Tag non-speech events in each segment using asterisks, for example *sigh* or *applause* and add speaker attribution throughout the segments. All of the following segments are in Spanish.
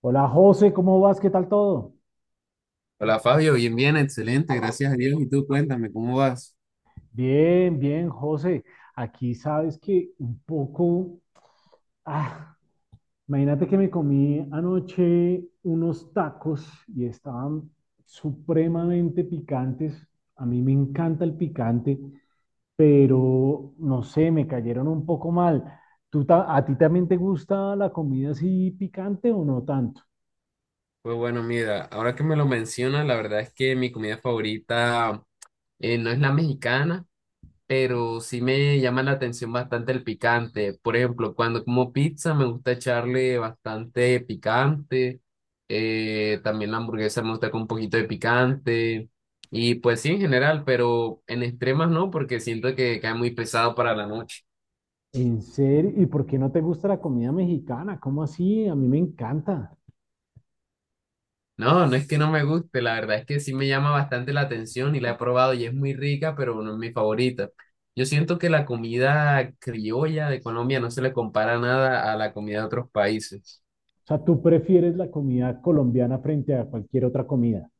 Speaker 1: Hola José, ¿cómo vas? ¿Qué tal todo?
Speaker 2: Hola Fabio, bien, bien, excelente, gracias a Dios. Y tú, cuéntame, ¿cómo vas?
Speaker 1: Bien, bien, José. Aquí sabes que un poco, ah, imagínate que me comí anoche unos tacos y estaban supremamente picantes. A mí me encanta el picante, pero no sé, me cayeron un poco mal. ¿Tú a ti también te gusta la comida así picante o no tanto?
Speaker 2: Pues bueno, mira, ahora que me lo mencionas, la verdad es que mi comida favorita no es la mexicana, pero sí me llama la atención bastante el picante. Por ejemplo, cuando como pizza me gusta echarle bastante picante, también la hamburguesa me gusta con un poquito de picante, y pues sí, en general, pero en extremas no, porque siento que cae muy pesado para la noche.
Speaker 1: ¿En serio? ¿Y por qué no te gusta la comida mexicana? ¿Cómo así? A mí me encanta.
Speaker 2: No, no es que no me guste, la verdad es que sí me llama bastante la atención y la he probado y es muy rica, pero no es mi favorita. Yo siento que la comida criolla de Colombia no se le compara nada a la comida de otros países.
Speaker 1: O sea, tú prefieres la comida colombiana frente a cualquier otra comida.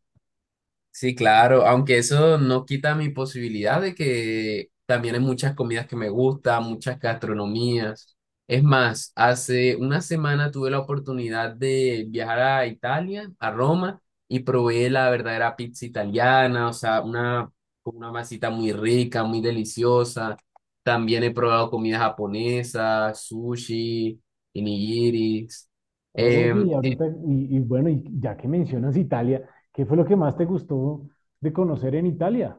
Speaker 2: Sí, claro, aunque eso no quita mi posibilidad de que también hay muchas comidas que me gustan, muchas gastronomías. Es más, hace una semana tuve la oportunidad de viajar a Italia, a Roma, y probé la verdadera pizza italiana, o sea, una, con una masita muy rica, muy deliciosa. También he probado comida japonesa, sushi, onigiris.
Speaker 1: Oye,
Speaker 2: Em,
Speaker 1: y ahorita, y bueno, y ya que mencionas Italia, ¿qué fue lo que más te gustó de conocer en Italia?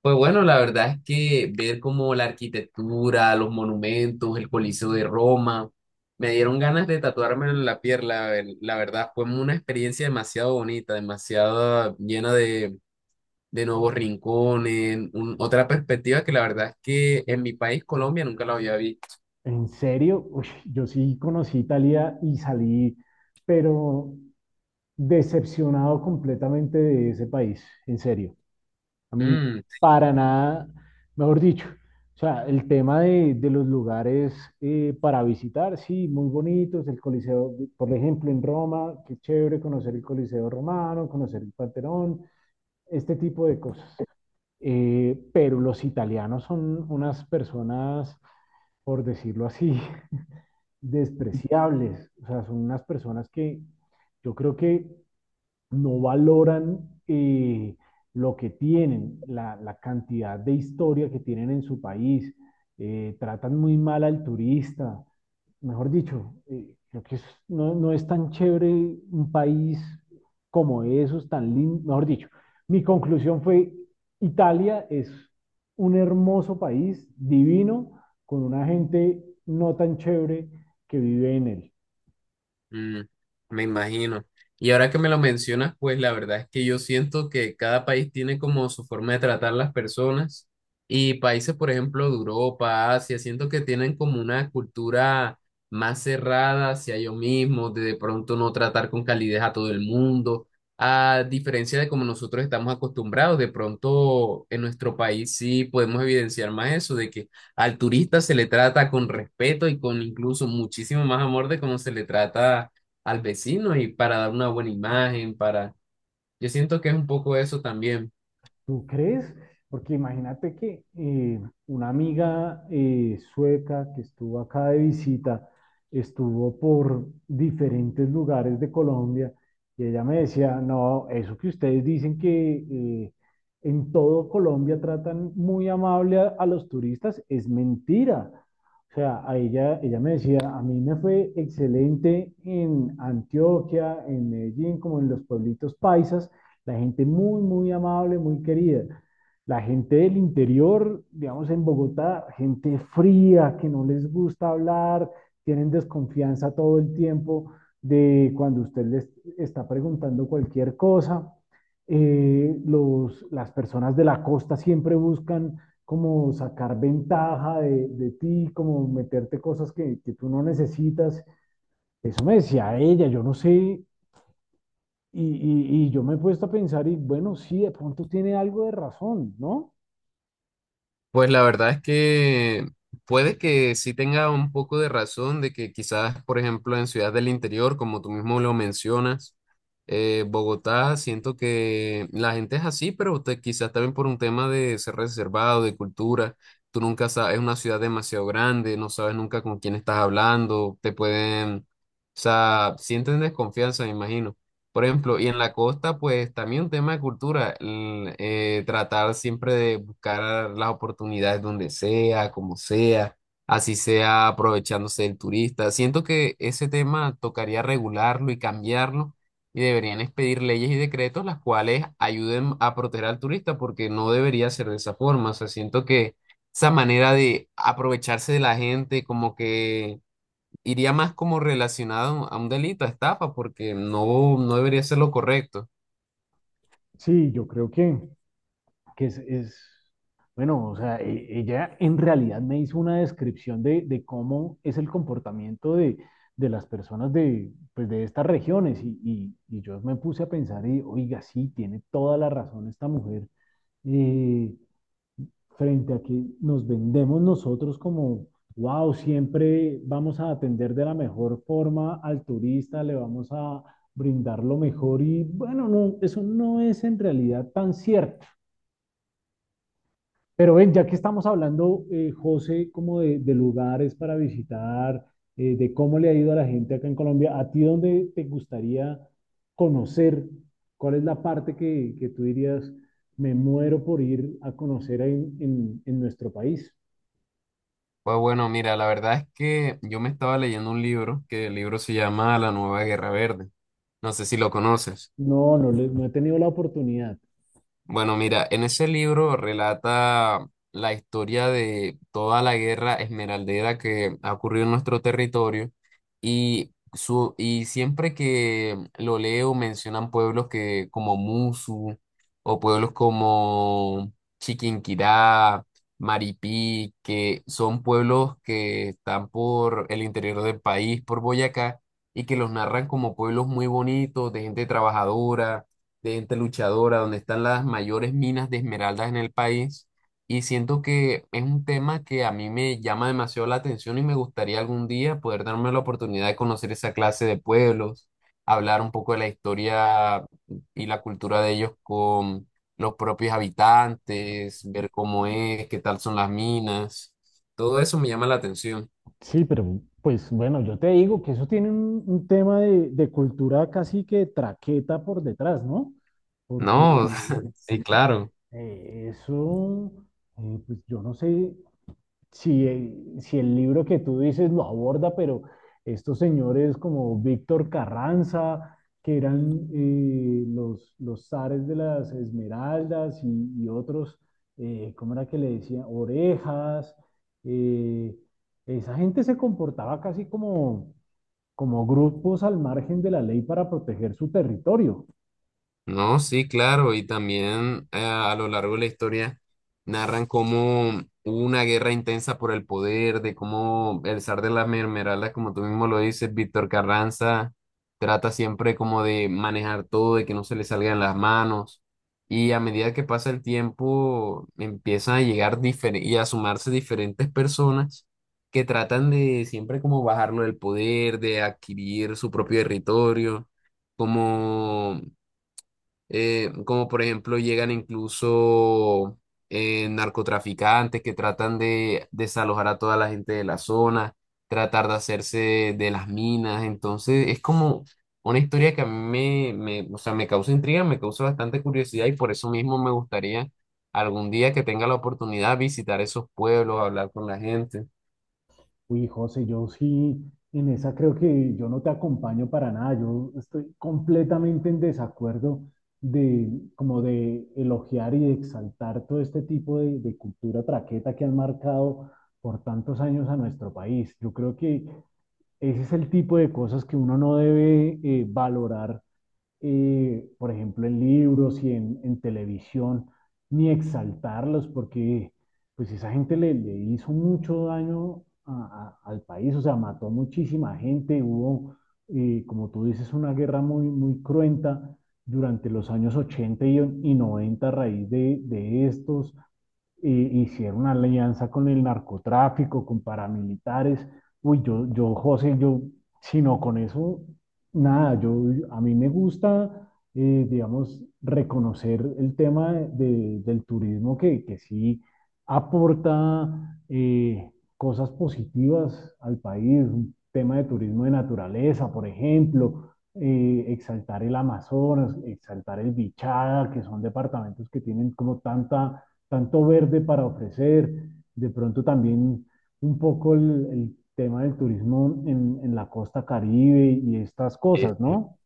Speaker 2: Pues bueno, la verdad es que ver como la arquitectura, los monumentos, el Coliseo de Roma, me dieron ganas de tatuármelo en la piel, la verdad fue una experiencia demasiado bonita, demasiado llena de nuevos rincones, otra perspectiva que la verdad es que en mi país, Colombia, nunca la había visto.
Speaker 1: En serio, uy, yo sí conocí Italia y salí, pero decepcionado completamente de ese país, en serio. A mí,
Speaker 2: Mm.
Speaker 1: para nada, mejor dicho, o sea, el tema de, los lugares para visitar, sí, muy bonitos, el Coliseo, por ejemplo, en Roma, qué chévere conocer el Coliseo romano, conocer el Panteón, este tipo de cosas. Pero los italianos son unas personas, por decirlo así, *laughs* despreciables, o sea, son unas personas que yo creo que no valoran eh, lo que tienen, la, cantidad de historia que tienen en su país, tratan muy mal al turista, mejor dicho, creo que no, no es tan chévere un país como esos, tan lindo, mejor dicho, mi conclusión fue, Italia es un hermoso país, divino, con una gente no tan chévere que vive en él.
Speaker 2: Mm, me imagino. Y ahora que me lo mencionas, pues la verdad es que yo siento que cada país tiene como su forma de tratar las personas y países, por ejemplo, de Europa, Asia, siento que tienen como una cultura más cerrada hacia ellos mismos, de pronto no tratar con calidez a todo el mundo, a diferencia de como nosotros estamos acostumbrados, de pronto en nuestro país sí podemos evidenciar más eso, de que al turista se le trata con respeto y con incluso muchísimo más amor de cómo se le trata al vecino y para dar una buena imagen, para... Yo siento que es un poco eso también.
Speaker 1: ¿Tú crees? Porque imagínate que una amiga sueca que estuvo acá de visita, estuvo por diferentes lugares de Colombia y ella me decía, no, eso que ustedes dicen que en todo Colombia tratan muy amable a, los turistas es mentira. O sea, ella me decía, a mí me fue excelente en Antioquia, en Medellín, como en los pueblitos paisas la gente muy, muy amable, muy querida. La gente del interior, digamos en Bogotá, gente fría, que no les gusta hablar, tienen desconfianza todo el tiempo de cuando usted les está preguntando cualquier cosa. Las personas de la costa siempre buscan como sacar ventaja de, ti, como meterte cosas que, tú no necesitas. Eso me decía ella, yo no sé y yo me he puesto a pensar y bueno, sí, de pronto tiene algo de razón, ¿no?
Speaker 2: Pues la verdad es que puede que sí tenga un poco de razón de que quizás, por ejemplo, en Ciudad del Interior, como tú mismo lo mencionas, Bogotá, siento que la gente es así, pero quizás también por un tema de ser reservado, de cultura. Tú nunca sabes, es una ciudad demasiado grande, no sabes nunca con quién estás hablando, te pueden, o sea, sienten desconfianza, me imagino. Por ejemplo, y en la costa, pues también un tema de cultura, tratar siempre de buscar las oportunidades donde sea, como sea, así sea aprovechándose del turista. Siento que ese tema tocaría regularlo y cambiarlo y deberían expedir leyes y decretos las cuales ayuden a proteger al turista porque no debería ser de esa forma. O sea, siento que esa manera de aprovecharse de la gente, como que iría más como relacionado a un delito, a estafa, porque no, no debería ser lo correcto.
Speaker 1: Sí, yo creo que bueno, o sea, ella en realidad me hizo una descripción de, cómo es el comportamiento de, las personas de, pues, de estas regiones y yo me puse a pensar y, oiga, sí, tiene toda la razón esta mujer. Eh, Frente a que nos vendemos nosotros como, wow, siempre vamos a atender de la mejor forma al turista, le vamos a brindar lo mejor y bueno, no, eso no es en realidad tan cierto. Pero ven, ya que estamos hablando, José, como de, lugares para visitar, de cómo le ha ido a la gente acá en Colombia, ¿a ti dónde te gustaría conocer? ¿Cuál es la parte que tú dirías, me muero por ir a conocer en, en nuestro país?
Speaker 2: Pues bueno, mira, la verdad es que yo me estaba leyendo un libro, que el libro se llama La Nueva Guerra Verde. No sé si lo conoces.
Speaker 1: No, no, no he tenido la oportunidad.
Speaker 2: Bueno, mira, en ese libro relata la historia de toda la guerra esmeraldera que ha ocurrido en nuestro territorio y siempre que lo leo mencionan pueblos que, como Musu o pueblos como Chiquinquirá, Maripí, que son pueblos que están por el interior del país, por Boyacá, y que los narran como pueblos muy bonitos, de gente trabajadora, de gente luchadora, donde están las mayores minas de esmeraldas en el país. Y siento que es un tema que a mí me llama demasiado la atención y me gustaría algún día poder darme la oportunidad de conocer esa clase de pueblos, hablar un poco de la historia y la cultura de ellos con los propios habitantes, ver cómo es, qué tal son las minas. Todo eso me llama la atención.
Speaker 1: Sí, pero pues bueno, yo te digo que eso tiene un tema de, cultura casi que traqueta por detrás, ¿no? Porque
Speaker 2: No, *laughs* sí, claro.
Speaker 1: eso, pues yo no sé, si el libro que tú dices lo aborda, pero estos señores como Víctor Carranza, que eran los, zares de las Esmeraldas y otros, ¿cómo era que le decían? Orejas. eh, Esa gente se comportaba casi como grupos al margen de la ley para proteger su territorio.
Speaker 2: No, sí, claro, y también a lo largo de la historia narran cómo hubo una guerra intensa por el poder, de cómo el zar de las mermeladas, como tú mismo lo dices, Víctor Carranza, trata siempre como de manejar todo, de que no se le salgan las manos, y a medida que pasa el tiempo empiezan a llegar y a sumarse diferentes personas que tratan de siempre como bajarlo del poder, de adquirir su propio territorio como como por ejemplo llegan incluso narcotraficantes que tratan de desalojar a toda la gente de la zona, tratar de hacerse de las minas, entonces es como una historia que a mí me, me, o sea, me causa intriga, me causa bastante curiosidad y por eso mismo me gustaría algún día que tenga la oportunidad visitar esos pueblos, hablar con la gente.
Speaker 1: Uy, José, yo sí, en esa creo que yo no te acompaño para nada. Yo estoy completamente en desacuerdo de como de elogiar y de exaltar todo este tipo de, cultura traqueta que han marcado por tantos años a nuestro país. Yo creo que ese es el tipo de cosas que uno no debe valorar por ejemplo, en libros y en, televisión, ni exaltarlos, porque pues esa gente le hizo mucho daño al país, o sea, mató muchísima gente, hubo, como tú dices, una guerra muy, muy cruenta durante los años 80 y 90 a raíz de, estos, hicieron una alianza con el narcotráfico, con paramilitares. Uy, yo, José, yo, sino con eso, nada, yo, a mí me gusta, digamos, reconocer el tema del turismo que sí aporta cosas positivas al país, un tema de turismo de naturaleza, por ejemplo, exaltar el Amazonas, exaltar el Bichada, que son departamentos que tienen como tanta tanto verde para ofrecer, de pronto también un poco el tema del turismo en, la costa Caribe y estas cosas, ¿no?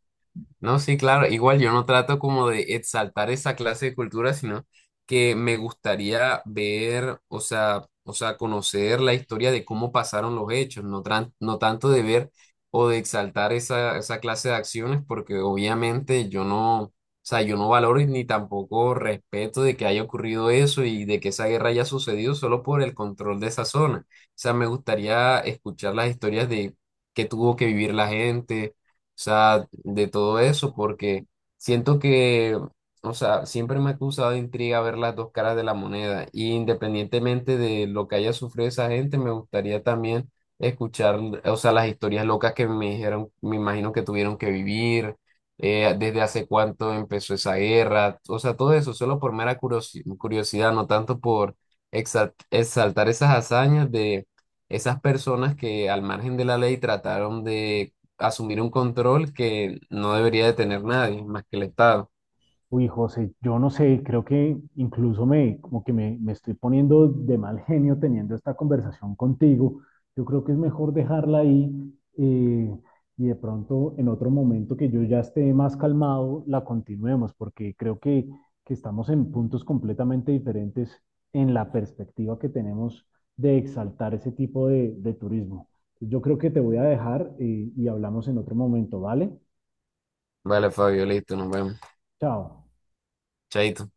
Speaker 2: No, sí, claro, igual yo no trato como de exaltar esa clase de cultura, sino que me gustaría ver, o sea, conocer la historia de cómo pasaron los hechos, no tanto de ver o de exaltar esa, esa clase de acciones, porque obviamente yo no, o sea, yo no valoro y ni tampoco respeto de que haya ocurrido eso y de que esa guerra haya sucedido solo por el control de esa zona. O sea, me gustaría escuchar las historias de qué tuvo que vivir la gente sea, de todo eso, porque siento que, o sea, siempre me ha causado de intriga ver las dos caras de la moneda, y independientemente de lo que haya sufrido esa gente, me gustaría también escuchar, o sea, las historias locas que me dijeron, me imagino que tuvieron que vivir, desde hace cuánto empezó esa guerra, o sea, todo eso, solo por mera curiosidad, no tanto por exaltar esas hazañas de... esas personas que al margen de la ley trataron de asumir un control que no debería de tener nadie más que el Estado.
Speaker 1: Uy, José, yo no sé, creo que como que me estoy poniendo de mal genio teniendo esta conversación contigo. Yo creo que es mejor dejarla ahí eh, y de pronto en otro momento que yo ya esté más calmado, la continuemos, porque creo que estamos en puntos completamente diferentes en la perspectiva que tenemos de exaltar ese tipo de, turismo. Yo creo que te voy a dejar y hablamos en otro momento, ¿vale?
Speaker 2: Vale, Fabio, listo, nos vemos.
Speaker 1: Chao.
Speaker 2: Chaito.